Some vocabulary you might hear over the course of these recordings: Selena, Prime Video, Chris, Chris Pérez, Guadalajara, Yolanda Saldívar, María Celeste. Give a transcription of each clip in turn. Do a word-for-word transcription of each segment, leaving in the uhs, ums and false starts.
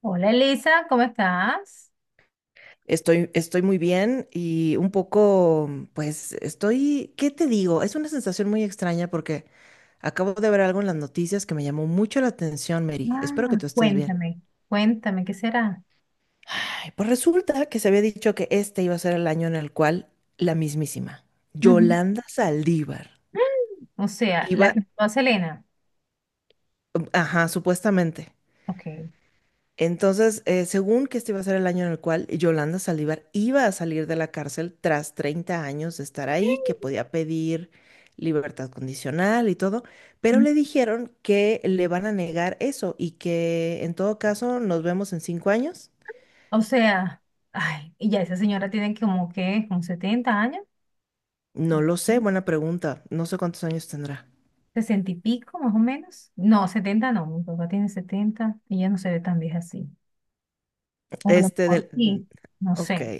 Hola, Elisa, ¿cómo estás? Estoy, estoy muy bien y un poco, pues estoy, ¿qué te digo? Es una sensación muy extraña porque acabo de ver algo en las noticias que me llamó mucho la atención, Mary. Espero que Ah, tú estés bien. cuéntame, cuéntame, ¿qué será? Ay, pues resulta que se había dicho que este iba a ser el año en el cual la mismísima Ujú. Yolanda Saldívar O sea, la iba, que mató a Selena. ajá, supuestamente. Ok. Entonces, eh, según que este iba a ser el año en el cual Yolanda Saldívar iba a salir de la cárcel tras treinta años de estar ahí, que podía pedir libertad condicional y todo, pero Mm. le dijeron que le van a negar eso y que en todo caso nos vemos en cinco años. O sea, ay, y ya esa señora tiene como que, como setenta años. No lo sé, Ujú. buena pregunta. No sé cuántos años tendrá. sesenta y pico más o menos. No, setenta, no, mi papá tiene setenta y ella no se ve tan vieja así. O a lo Este mejor del... mm, sí, no ok. sé.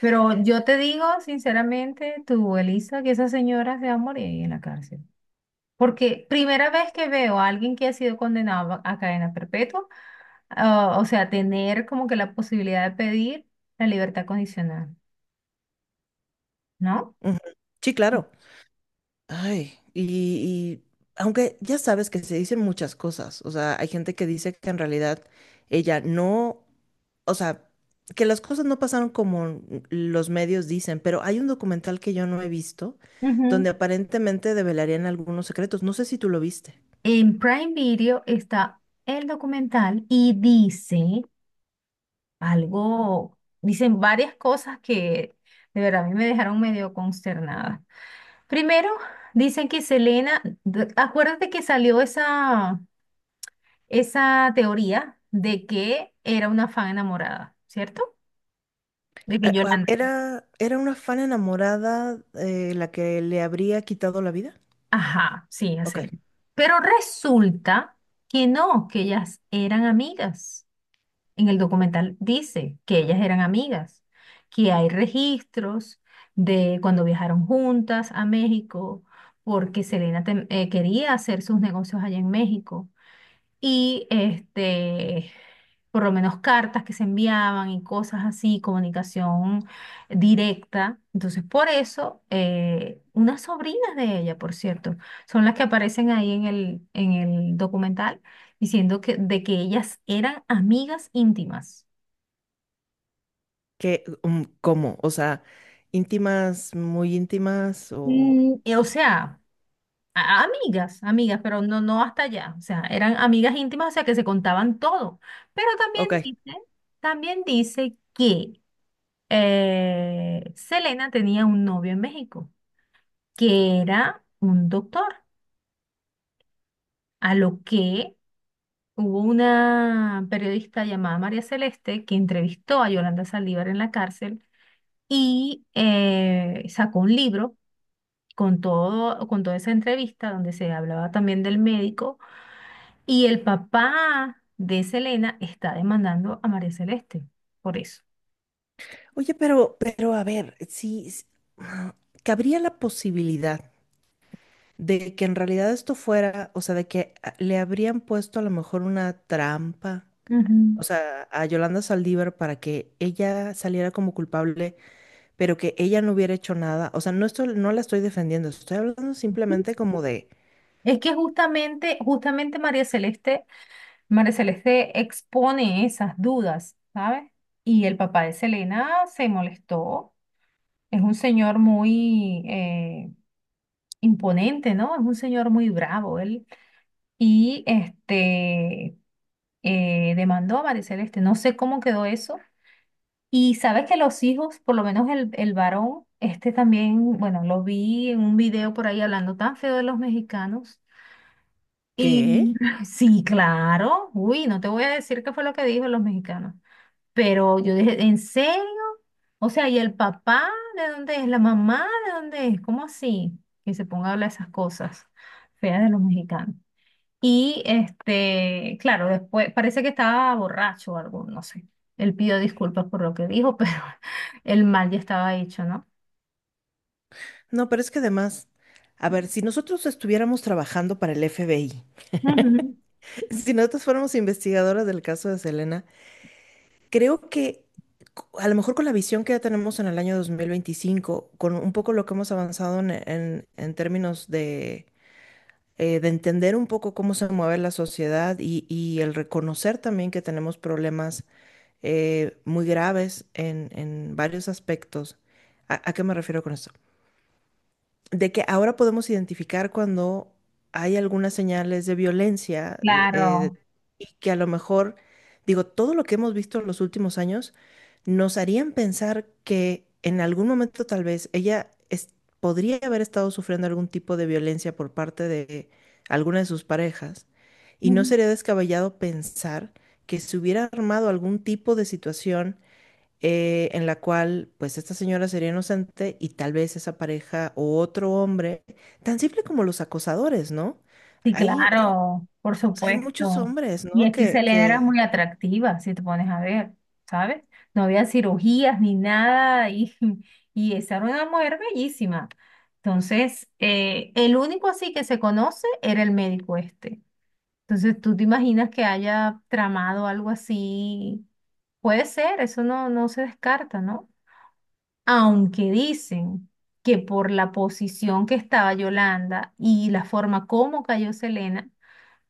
Pero yo te digo, sinceramente, tú, Elisa, que esa señora se va a morir ahí en la cárcel. Porque primera vez que veo a alguien que ha sido condenado a cadena perpetua, ah, o sea, tener como que la posibilidad de pedir la libertad condicional, no. Ujú. Sí, claro. Ay, y, y aunque ya sabes que se dicen muchas cosas, o sea, hay gente que dice que en realidad ella no, o sea, que las cosas no pasaron como los medios dicen, pero hay un documental que yo no he visto Ujú. donde aparentemente develarían algunos secretos, no sé si tú lo viste. En Prime Video está el documental y dice algo, dicen varias cosas que de verdad a mí me dejaron medio consternada. Primero, dicen que Selena, d- acuérdate que salió esa, esa teoría de que era una fan enamorada, ¿cierto? De que Ah, ah, Yolanda, Era, era una fan enamorada, eh, la que le habría quitado la vida. ajá, sí, hace. Ok. Pero resulta que no, que ellas eran amigas. En el documental dice que ellas eran amigas, que hay registros de cuando viajaron juntas a México, porque Selena tem- eh, quería hacer sus negocios allá en México. Y este, por lo menos cartas que se enviaban y cosas así, comunicación directa. Entonces, por eso, eh, unas sobrinas de ella, por cierto, son las que aparecen ahí en el, en el documental diciendo que, de que ellas eran amigas íntimas. ¿Qué, um, cómo? O sea, íntimas, muy íntimas o... Mm, eh, o sea, a- amigas, amigas, pero no, no hasta allá. O sea, eran amigas íntimas, o sea, que se contaban todo. Pero también Ok. dice, también dice que eh, Selena tenía un novio en México que era un doctor, a lo que hubo una periodista llamada María Celeste que entrevistó a Yolanda Saldívar en la cárcel y eh, sacó un libro con todo, con toda esa entrevista donde se hablaba también del médico, y el papá de Selena está demandando a María Celeste por eso. Oye, pero, pero a ver, si s- ah, cabría la posibilidad de que en realidad esto fuera, o sea, de que ah, le habrían puesto a lo mejor una trampa, o Ujú. sea, a Yolanda Saldívar para que ella saliera como culpable, pero que ella no hubiera hecho nada. O sea, no estoy, no la estoy defendiendo, estoy hablando simplemente como de, Es que justamente, justamente María Celeste, María Celeste expone esas dudas, ¿sabes? Y el papá de Selena se molestó. Es un señor muy eh, imponente, ¿no? Es un señor muy bravo él. Y este, eh, demandó a María Celeste. No sé cómo quedó eso. Y sabes que los hijos, por lo menos el, el varón, este también, bueno, lo vi en un video por ahí hablando tan feo de los mexicanos. Y ¿qué? sí, claro. Uy, no te voy a decir qué fue lo que dijo los mexicanos. Pero yo dije, ¿en serio? O sea, ¿y el papá de dónde es? ¿La mamá de dónde es? ¿Cómo así? Que se ponga a hablar esas cosas feas de los mexicanos. Y este, claro, después parece que estaba borracho o algo, no sé. Él pidió disculpas por lo que dijo, pero el mal ya estaba hecho, ¿no? No, pero es que además, a ver, si nosotros estuviéramos trabajando para el F B I, Ujú. si nosotros fuéramos investigadoras del caso de Selena, creo que a lo mejor con la visión que ya tenemos en el año dos mil veinticinco, con un poco lo que hemos avanzado en, en- en términos de, eh, de entender un poco cómo se mueve la sociedad y, y el reconocer también que tenemos problemas, eh, muy graves en, en varios aspectos. ¿A, a qué me refiero con esto? De que ahora podemos identificar cuando hay algunas señales de violencia, eh, Claro. y que a lo mejor, digo, todo lo que hemos visto en los últimos años nos harían pensar que en algún momento tal vez ella es- podría haber estado sufriendo algún tipo de violencia por parte de alguna de sus parejas y no sería descabellado pensar que se hubiera armado algún tipo de situación, eh, en la cual pues esta señora sería inocente y tal vez esa pareja o otro hombre, tan simple como los acosadores, ¿no? Sí, Hay, hay, claro, por o sea, hay muchos supuesto. hombres, Y ¿no? es que Que, Selena era que... muy atractiva, si te pones a ver, ¿sabes? No había cirugías ni nada, y y esa era una mujer bellísima. Entonces, eh, el único así que se conoce era el médico este. Entonces, ¿tú te imaginas que haya tramado algo así? Puede ser, eso no, no se descarta, ¿no? Aunque dicen que por la posición que estaba Yolanda y la forma como cayó Selena,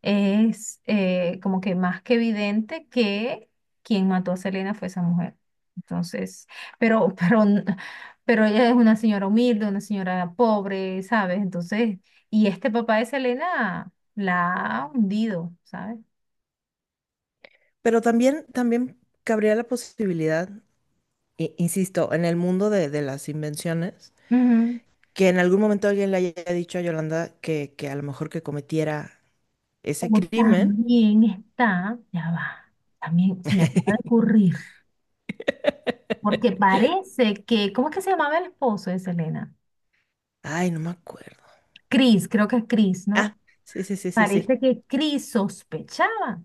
es eh, como que más que evidente que quien mató a Selena fue esa mujer. Entonces, pero pero, n- pero ella es una señora humilde, una señora pobre, ¿sabes? Entonces, y este papá de Selena la ha hundido, ¿sabes? Pero también, también cabría la posibilidad, i- insisto, en el mundo de, de las invenciones, Ujú. que en algún momento alguien le haya dicho a Yolanda que, que a lo mejor que cometiera ese Como crimen. también está, ya va, también se me acaba de ocurrir, porque parece que, ¿cómo es que se llamaba el esposo de Selena? Ay, no me acuerdo. Chris, creo que es Chris, Ah, ¿no? sí, sí, sí, sí, sí. Parece que Chris sospechaba.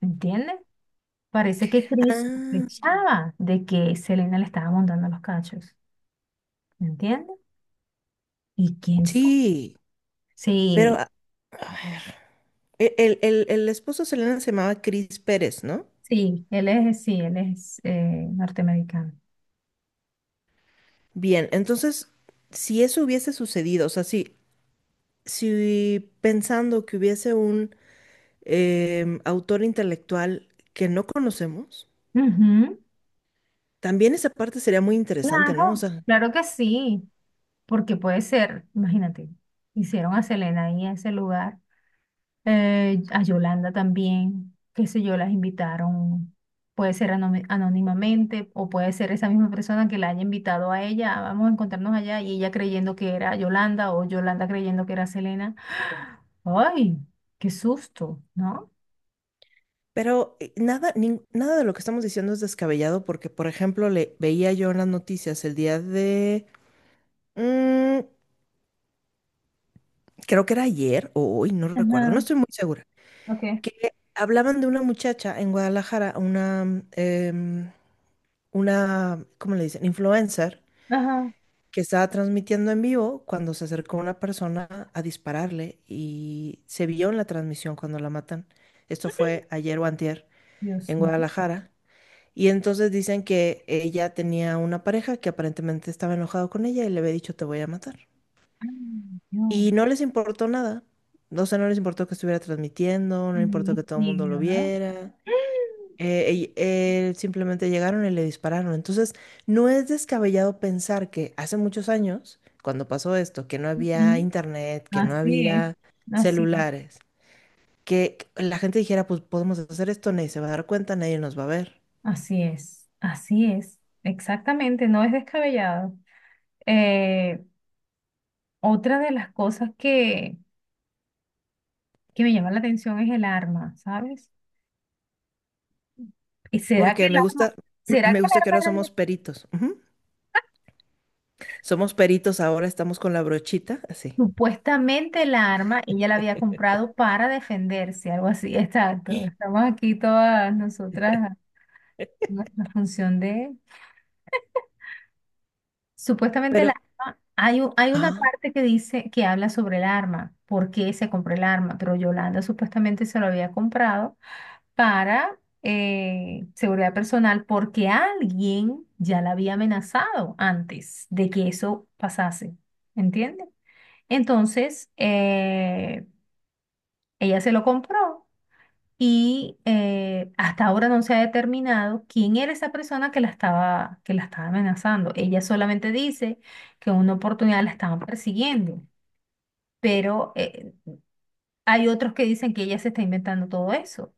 ¿Entiendes? Parece que Chris Ah, sospechaba de que Selena le estaba montando los cachos. ¿Entiendes? ¿Y quién sabe? sí, pero... Sí, A a ver. e- El, el, el esposo de Selena se llamaba Chris Pérez, ¿no? sí, él es, sí, él es eh, norteamericano. Bien, entonces, si eso hubiese sucedido, o sea, si, si pensando que hubiese un em, autor intelectual que no conocemos, Ujú. también esa parte sería muy interesante, ¿no? O Claro, sea, claro que sí, porque puede ser, imagínate, hicieron a Selena ahí en ese lugar, eh, a Yolanda también, qué sé yo, las invitaron, puede ser anomi- anónimamente, o puede ser esa misma persona que la haya invitado a ella, "Ah, vamos a encontrarnos allá", y ella creyendo que era Yolanda o Yolanda creyendo que era Selena. ¡Ay, qué susto! ¿No? pero eh, nada, nin- nada de lo que estamos diciendo es descabellado porque, por ejemplo, le veía yo en las noticias el día de, mm, creo que era ayer o hoy, no recuerdo, no Ajá, estoy muy segura ok. que hablaban de una muchacha en Guadalajara, una, mm, em, una, ¿cómo le dicen? Influencer, Ajá. que estaba transmitiendo en vivo cuando se acercó una persona a dispararle y se vio en la transmisión cuando la matan. Esto fue ayer o antier Dios en mío. Guadalajara. Y entonces dicen que ella tenía una pareja que aparentemente estaba enojado con ella y le había dicho te voy a matar. Ay, Dios, Y no les importó nada. O sea, no les importó que estuviera transmitiendo, no les importó que todo el mundo lo feminicidio, ¿no? viera. Eh, y él simplemente llegaron y le dispararon. Entonces, no es descabellado pensar que hace muchos años, cuando pasó esto, que no había Ujú. internet, que no Así es, había así es, celulares, que la gente dijera, pues podemos hacer esto, nadie se va a dar cuenta, nadie nos va a ver. así es, así es. Exactamente, no es descabellado. Eh, Otra de las cosas que, que me llama la atención es el arma, ¿sabes? ¿Y será que Porque el me arma, gusta, será me que el gusta que arma ahora era somos de- peritos. Ujú. Somos peritos, ahora estamos con la brochita, así. supuestamente la arma ella la había comprado para defenderse, algo así? Exacto. Estamos aquí todas nosotras en la función de supuestamente Pero, el arma. Hay, u- hay una parte que dice que habla sobre el arma, por qué se compró el arma, pero Yolanda supuestamente se lo había comprado para eh, seguridad personal, porque alguien ya la había amenazado antes de que eso pasase, ¿entiende? Entonces, eh, ella se lo compró y eh, hasta ahora no se ha determinado quién era esa persona que la estaba, que la estaba amenazando. Ella solamente dice que en una oportunidad la estaban persiguiendo, pero eh, hay otros que dicen que ella se está inventando todo eso.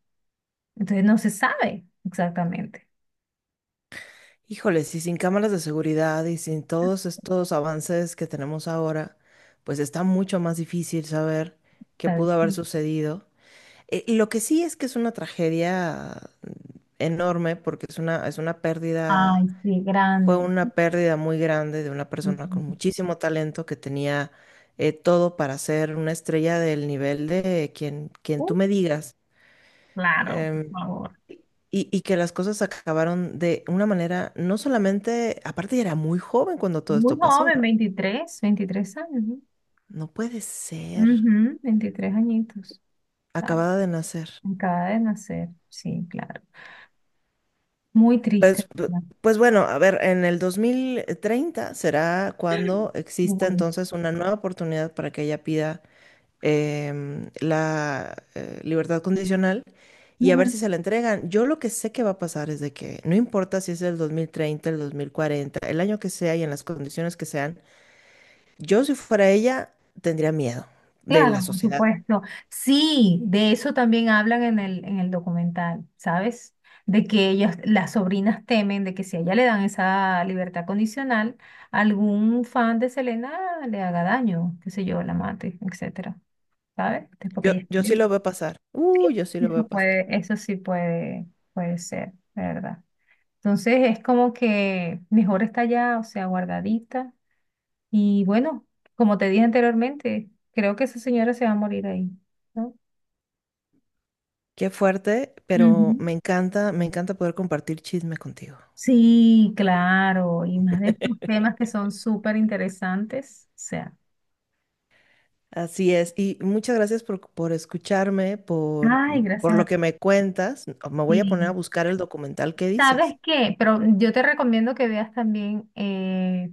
Entonces no se sabe exactamente. híjole, si sin cámaras de seguridad y sin todos estos avances que tenemos ahora, pues está mucho más difícil saber qué ¿Sabes? pudo haber sucedido. Eh, y lo que sí es que es una tragedia enorme porque es una, es una pérdida, Ay, sí, fue grande. una pérdida muy grande de una persona con Ujú. muchísimo talento que tenía, eh, todo para ser una estrella del nivel de quien, quien Uh, tú me digas. Claro, por Em, favor. y, y que las cosas acabaron de una manera, no solamente, aparte ya era muy joven cuando todo Muy esto pasó, ¿no? joven, veintitrés, veintitrés años, ¿no? No puede ser. Ujú, veintitrés añitos. Claro, Acabada de nacer. acaba de nacer, sí, claro. Muy triste, Pues, p- ¿verdad? pues bueno, a ver, en el dos mil treinta será cuando exista Muy. entonces una nueva oportunidad para que ella pida, em, la eh, libertad condicional y a ver Ujú. si se la entregan. Yo lo que sé que va a pasar es de que no importa si es el dos mil treinta el dos mil cuarenta el año que sea y en las condiciones que sean, yo si fuera ella, tendría miedo de la Claro, por sociedad. supuesto. Sí, de eso también hablan en el, en el documental, ¿sabes? De que ellas, las sobrinas temen de que si a ella le dan esa libertad condicional, algún fan de Selena le haga daño, qué sé yo, la mate, etcétera. ¿Sabes? Este, porque Yo, ella yo esté. sí lo veo pasar. Uh, yo sí lo Eso veo pasar. puede, eso sí puede, puede ser, ¿verdad? Entonces es como que mejor está ya, o sea, guardadita. Y bueno, como te dije anteriormente, creo que esa señora se va a morir ahí, ¿no? Qué fuerte, pero Ujú. me encanta, me encanta poder compartir chisme contigo. Sí, claro, y más de estos temas que son súper interesantes, o sea, Así es. Y muchas gracias por, por escucharme, por, ay, por gracias lo a que ti. me cuentas. Me voy a poner a Sí. buscar el documental que dices. ¿Sabes qué? Pero yo te recomiendo que veas también eh,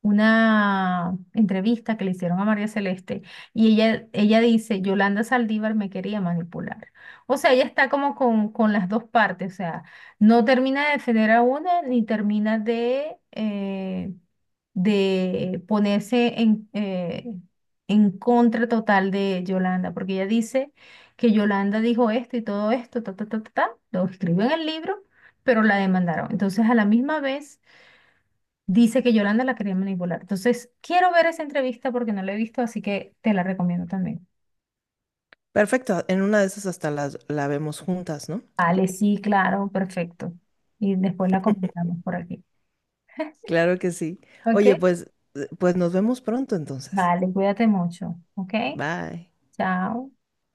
una entrevista que le hicieron a María Celeste, y ella, ella dice, Yolanda Saldívar me quería manipular. O sea, ella está como con, con las dos partes, o sea, no termina de defender a una ni termina de, eh, de ponerse en, eh, en contra total de Yolanda, porque ella dice que Yolanda dijo esto y todo esto, ta, ta, ta, ta, ta, lo escribió en el libro, pero la demandaron. Entonces, a la misma vez dice que Yolanda la quería manipular. Entonces, quiero ver esa entrevista porque no la he visto, así que te la recomiendo también. Perfecto. En una de esas hasta las, la vemos juntas, ¿no? Vale, sí, claro, perfecto. Y después la comentamos por aquí. Claro que sí. ¿Ok? Oye, pues, eh, pues nos vemos pronto entonces. Vale, cuídate mucho. ¿Ok? Bye. Chao.